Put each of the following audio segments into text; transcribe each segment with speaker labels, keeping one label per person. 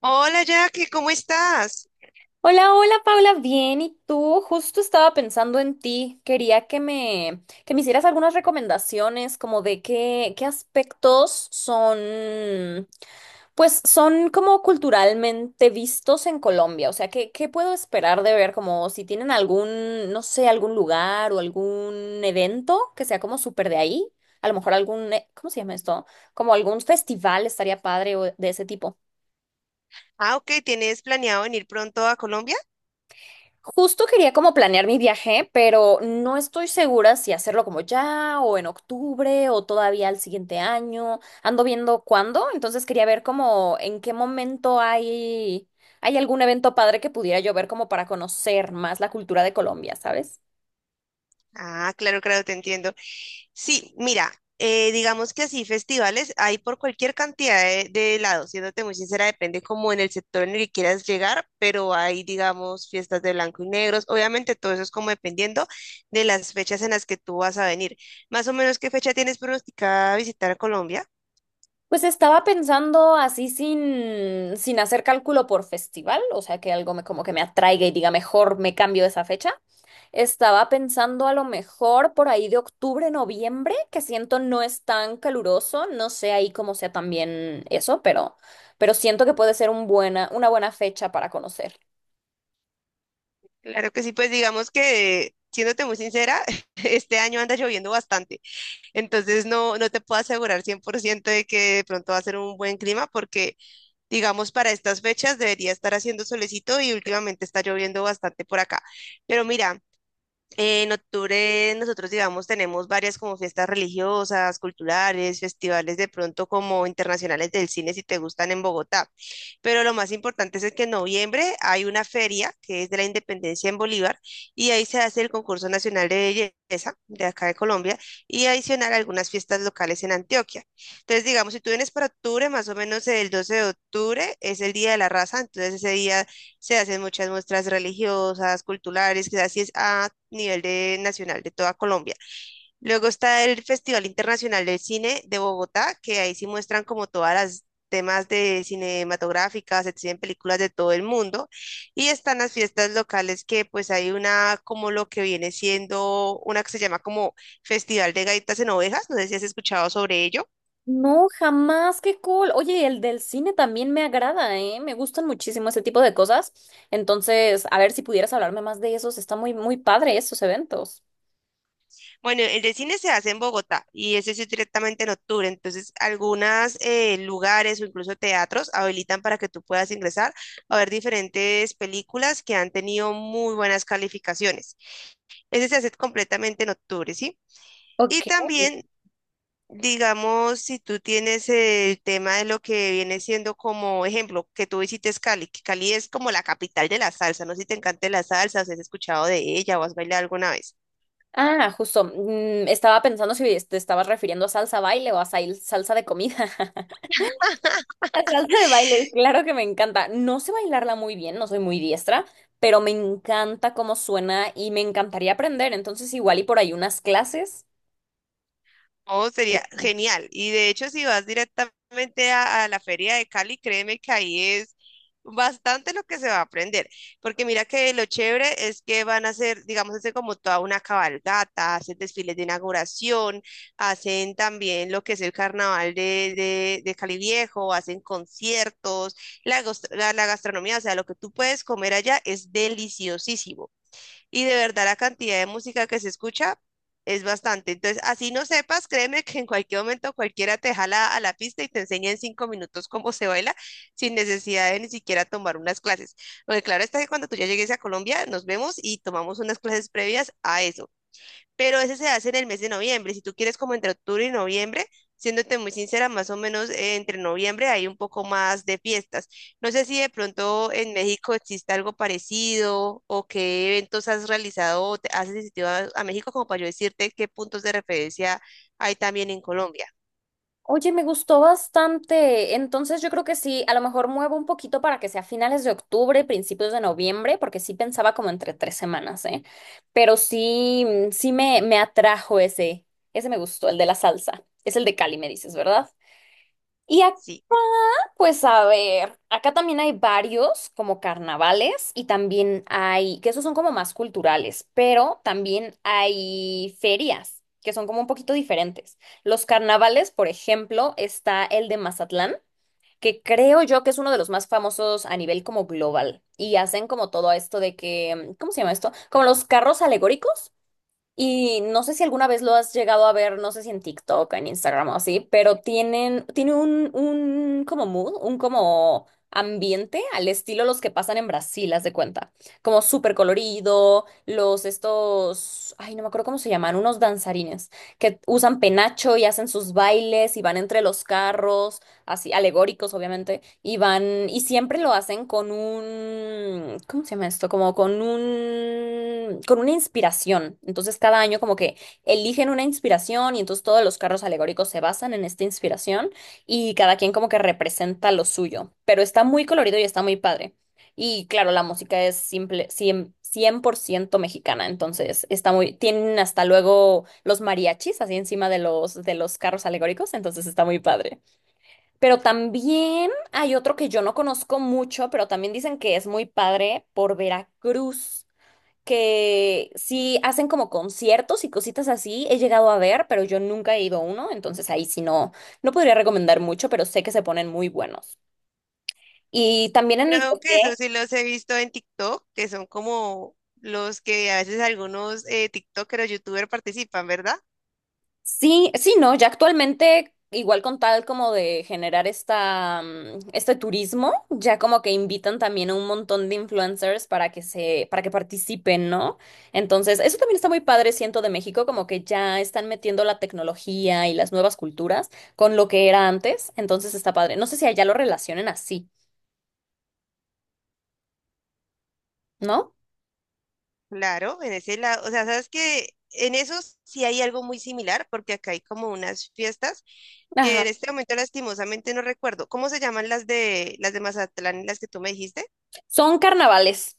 Speaker 1: Hola Jackie, ¿cómo estás?
Speaker 2: Hola, hola Paula, bien, ¿y tú? Justo estaba pensando en ti. Quería que me hicieras algunas recomendaciones como de qué aspectos son, pues son como culturalmente vistos en Colombia. O sea, ¿qué puedo esperar de ver? Como si tienen algún, no sé, algún lugar o algún evento que sea como súper de ahí. A lo mejor algún, ¿cómo se llama esto? Como algún festival estaría padre o de ese tipo.
Speaker 1: Ah, ok, ¿tienes planeado venir pronto a Colombia?
Speaker 2: Justo quería como planear mi viaje, pero no estoy segura si hacerlo como ya o en octubre o todavía al siguiente año. Ando viendo cuándo, entonces quería ver como en qué momento hay algún evento padre que pudiera yo ver como para conocer más la cultura de Colombia, ¿sabes?
Speaker 1: Ah, claro, claro, te entiendo. Sí, mira, digamos que así festivales hay por cualquier cantidad de lados, siéndote muy sincera, depende como en el sector en el que quieras llegar, pero hay, digamos, fiestas de blanco y negros. Obviamente todo eso es como dependiendo de las fechas en las que tú vas a venir. Más o menos, ¿qué fecha tienes pronosticada visitar a Colombia?
Speaker 2: Pues estaba pensando así sin hacer cálculo por festival, o sea, que algo me, como que me atraiga y diga, mejor me cambio esa fecha. Estaba pensando a lo mejor por ahí de octubre, noviembre, que siento no es tan caluroso, no sé ahí cómo sea también eso, pero siento que puede ser una buena fecha para conocer.
Speaker 1: Claro que sí, pues digamos que, siéndote muy sincera, este año anda lloviendo bastante, entonces no te puedo asegurar 100% de que de pronto va a ser un buen clima porque, digamos, para estas fechas debería estar haciendo solecito y últimamente está lloviendo bastante por acá. Pero mira, en octubre nosotros, digamos, tenemos varias como fiestas religiosas, culturales, festivales de pronto como internacionales del cine si te gustan en Bogotá. Pero lo más importante es que en noviembre hay una feria que es de la Independencia en Bolívar y ahí se hace el concurso nacional de belleza de acá de Colombia y adicional algunas fiestas locales en Antioquia. Entonces, digamos, si tú vienes para octubre, más o menos el 12 de octubre es el Día de la Raza, entonces ese día se hacen muchas muestras religiosas, culturales, que así es a nivel nacional de toda Colombia. Luego está el Festival Internacional del Cine de Bogotá, que ahí sí muestran como todas las temas de cinematográficas, se exhiben películas de todo el mundo. Y están las fiestas locales que pues hay una como lo que viene siendo una que se llama como Festival de Gaitas en Ovejas, no sé si has escuchado sobre ello.
Speaker 2: No, jamás, qué cool. Oye, el del cine también me agrada, ¿eh? Me gustan muchísimo ese tipo de cosas. Entonces, a ver si pudieras hablarme más de esos. Está muy, muy padre esos eventos.
Speaker 1: Bueno, el de cine se hace en Bogotá y ese sí es directamente en octubre. Entonces, algunos lugares o incluso teatros habilitan para que tú puedas ingresar a ver diferentes películas que han tenido muy buenas calificaciones. Ese se hace completamente en octubre, ¿sí? Y
Speaker 2: Ok.
Speaker 1: también, digamos, si tú tienes el tema de lo que viene siendo como ejemplo, que tú visites Cali, que Cali es como la capital de la salsa, no sé si te encanta la salsa, o si has escuchado de ella o has bailado alguna vez.
Speaker 2: Ah, justo. Estaba pensando si te estabas refiriendo a salsa baile o a salsa de comida. La salsa de baile, claro que me encanta. No sé bailarla muy bien, no soy muy diestra, pero me encanta cómo suena y me encantaría aprender. Entonces, igual y por ahí unas clases.
Speaker 1: Oh, sería genial. Y de hecho, si vas directamente a la Feria de Cali, créeme que ahí es bastante lo que se va a aprender. Porque mira que lo chévere es que van a hacer, digamos, hacer como toda una cabalgata, hacen desfiles de inauguración, hacen también lo que es el carnaval de Cali Viejo, hacen conciertos, la gastronomía, o sea, lo que tú puedes comer allá es deliciosísimo y de verdad la cantidad de música que se escucha es bastante. Entonces, así no sepas, créeme que en cualquier momento cualquiera te jala a la pista y te enseña en cinco minutos cómo se baila sin necesidad de ni siquiera tomar unas clases. Porque claro está que cuando tú ya llegues a Colombia, nos vemos y tomamos unas clases previas a eso, pero ese se hace en el mes de noviembre. Si tú quieres como entre octubre y noviembre, siéndote muy sincera, más o menos entre noviembre hay un poco más de fiestas. No sé si de pronto en México existe algo parecido o qué eventos has realizado o te has asistido a México como para yo decirte qué puntos de referencia hay también en Colombia.
Speaker 2: Oye, me gustó bastante. Entonces, yo creo que sí, a lo mejor muevo un poquito para que sea finales de octubre, principios de noviembre, porque sí pensaba como entre 3 semanas, ¿eh? Pero sí, sí me atrajo ese, ese me gustó, el de la salsa. Es el de Cali, me dices, ¿verdad? Y acá.
Speaker 1: Sí.
Speaker 2: Pues, a ver, acá también hay varios como carnavales y también hay, que esos son como más culturales, pero también hay ferias que son como un poquito diferentes. Los carnavales, por ejemplo, está el de Mazatlán, que creo yo que es uno de los más famosos a nivel como global y hacen como todo esto de que, ¿cómo se llama esto? Como los carros alegóricos. Y no sé si alguna vez lo has llegado a ver, no sé si en TikTok, en Instagram o así, pero tienen, tiene un como mood, un como ambiente al estilo los que pasan en Brasil, haz de cuenta. Como súper colorido, los estos, ay, no me acuerdo cómo se llaman, unos danzarines que usan penacho y hacen sus bailes y van entre los carros así alegóricos, obviamente, y van, y siempre lo hacen con un, ¿cómo se llama esto? Como con un, con una inspiración. Entonces, cada año como que eligen una inspiración y entonces todos los carros alegóricos se basan en esta inspiración y cada quien como que representa lo suyo, pero está muy colorido y está muy padre. Y claro, la música es simple, cien por ciento mexicana, entonces está muy, tienen hasta luego los mariachis así encima de los carros alegóricos, entonces está muy padre. Pero también hay otro que yo no conozco mucho, pero también dicen que es muy padre por Veracruz, que sí hacen como conciertos y cositas así. He llegado a ver, pero yo nunca he ido a uno, entonces ahí sí no, no podría recomendar mucho, pero sé que se ponen muy buenos. Y también en el que
Speaker 1: Creo que eso
Speaker 2: esté.
Speaker 1: sí los he visto en TikTok, que son como los que a veces algunos TikTokers o YouTubers participan, ¿verdad?
Speaker 2: Sí, sí, no, ya actualmente, igual con tal como de generar esta, este turismo, ya como que invitan también a un montón de influencers para que participen, ¿no? Entonces, eso también está muy padre, siento, de México, como que ya están metiendo la tecnología y las nuevas culturas con lo que era antes, entonces está padre. No sé si allá lo relacionen así, ¿no?
Speaker 1: Claro, en ese lado, o sea, sabes que en esos sí hay algo muy similar, porque acá hay como unas fiestas que en
Speaker 2: Ajá.
Speaker 1: este momento lastimosamente no recuerdo. ¿Cómo se llaman las de Mazatlán y las que tú me dijiste?
Speaker 2: Son carnavales.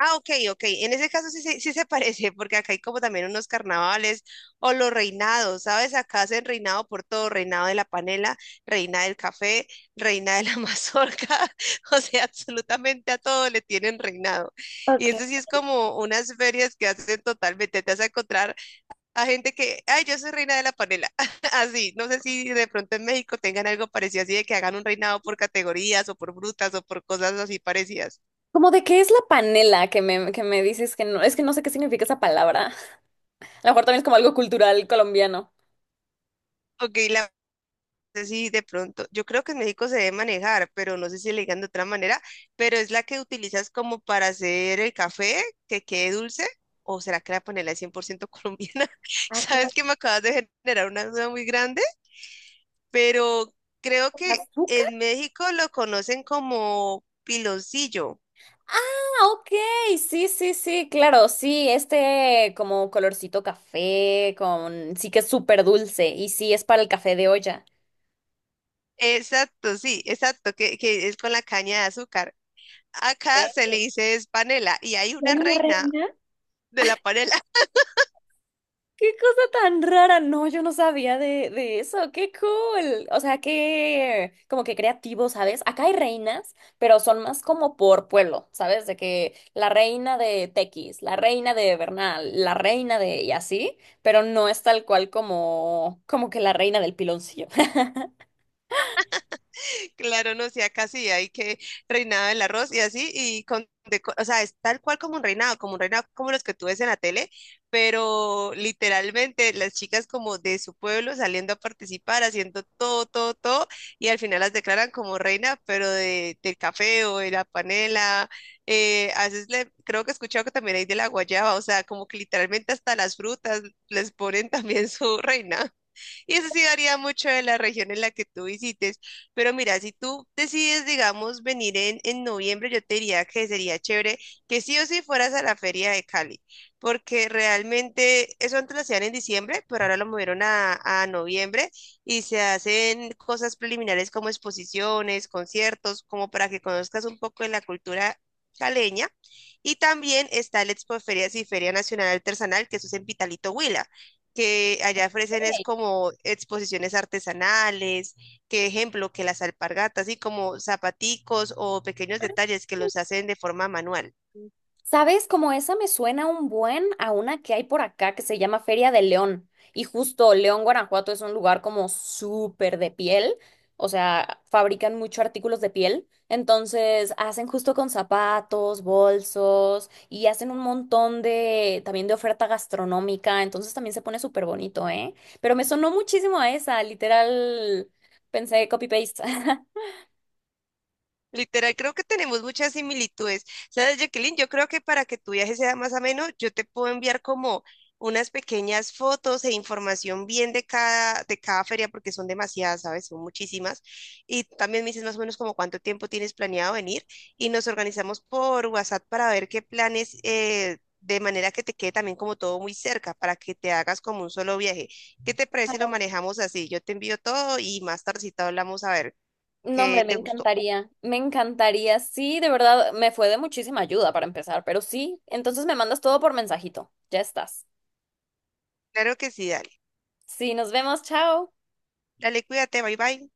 Speaker 1: Ah, ok, ok. En ese caso sí, sí se parece, porque acá hay como también unos carnavales o los reinados, ¿sabes? Acá hacen reinado por todo, reinado de la panela, reina del café, reina de la mazorca, o sea, absolutamente a todo le tienen reinado. Y
Speaker 2: Okay.
Speaker 1: eso sí es como unas ferias que hacen totalmente, te vas a encontrar a gente que, ay, yo soy reina de la panela, así. No sé si de pronto en México tengan algo parecido así de que hagan un reinado por categorías o por frutas o por cosas así parecidas.
Speaker 2: ¿Cómo de qué es la panela que me dices que no, es que no sé qué significa esa palabra? A lo mejor también es como algo cultural colombiano.
Speaker 1: Ok, la sé si de pronto, yo creo que en México se debe manejar, pero no sé si le digan de otra manera, pero es la que utilizas como para hacer el café, que quede dulce, o será que la panela es 100% colombiana.
Speaker 2: Ah, caray,
Speaker 1: Sabes que me acabas de generar una duda muy grande, pero creo
Speaker 2: ¿con
Speaker 1: que
Speaker 2: azúcar?
Speaker 1: en México lo conocen como piloncillo.
Speaker 2: Ah, ok, sí, sí, sí, claro, sí, este como colorcito café, con, sí que es súper dulce, y sí es para el café de olla.
Speaker 1: Exacto, sí, exacto, que es con la caña de azúcar. Acá se le
Speaker 2: Ok.
Speaker 1: dice es panela y hay
Speaker 2: ¿Y
Speaker 1: una
Speaker 2: hay una
Speaker 1: reina
Speaker 2: reina?
Speaker 1: de la panela.
Speaker 2: Qué cosa tan rara. No, yo no sabía de eso. Qué cool. O sea, qué como que creativo, ¿sabes? Acá hay reinas, pero son más como por pueblo, ¿sabes? De que la reina de Tequis, la reina de Bernal, la reina de y así, pero no es tal cual como como que la reina del piloncillo.
Speaker 1: Claro, no, sí, acá sí hay que reinado del arroz y así, o sea, es tal cual como un reinado, como un reinado como los que tú ves en la tele, pero literalmente las chicas como de su pueblo saliendo a participar, haciendo todo, todo, todo, y al final las declaran como reina, pero del café o de la panela, creo que he escuchado que también hay de la guayaba, o sea, como que literalmente hasta las frutas les ponen también su reina. Y eso sí varía mucho de la región en la que tú visites. Pero mira, si tú decides, digamos, venir en noviembre, yo te diría que sería chévere que sí o sí fueras a la feria de Cali, porque realmente eso antes lo hacían en diciembre, pero ahora lo movieron a noviembre y se hacen cosas preliminares como exposiciones, conciertos, como para que conozcas un poco de la cultura caleña. Y también está el Expo Ferias y Feria Nacional Artesanal, que eso es en Pitalito, Huila, que allá ofrecen es
Speaker 2: Ey.
Speaker 1: como exposiciones artesanales, que ejemplo, que las alpargatas, así como zapaticos o pequeños detalles que los hacen de forma manual.
Speaker 2: ¿Sabes? Como esa me suena un buen a una que hay por acá que se llama Feria de León. Y justo León, Guanajuato es un lugar como súper de piel. O sea, fabrican mucho artículos de piel. Entonces hacen justo con zapatos, bolsos y hacen un montón de también de oferta gastronómica. Entonces también se pone súper bonito, ¿eh? Pero me sonó muchísimo a esa, literal. Pensé copy-paste.
Speaker 1: Literal, creo que tenemos muchas similitudes. ¿Sabes, Jacqueline? Yo creo que para que tu viaje sea más ameno, yo te puedo enviar como unas pequeñas fotos e información bien de de cada feria, porque son demasiadas, ¿sabes? Son muchísimas. Y también me dices más o menos como cuánto tiempo tienes planeado venir y nos organizamos por WhatsApp para ver qué planes, de manera que te quede también como todo muy cerca, para que te hagas como un solo viaje. ¿Qué te parece si lo manejamos así? Yo te envío todo y más tardecita hablamos a ver
Speaker 2: No,
Speaker 1: qué
Speaker 2: hombre, me
Speaker 1: te gustó.
Speaker 2: encantaría, me encantaría. Sí, de verdad, me fue de muchísima ayuda para empezar, pero sí, entonces me mandas todo por mensajito. Ya estás.
Speaker 1: Claro que sí, dale.
Speaker 2: Sí, nos vemos, chao.
Speaker 1: Dale, cuídate, bye bye.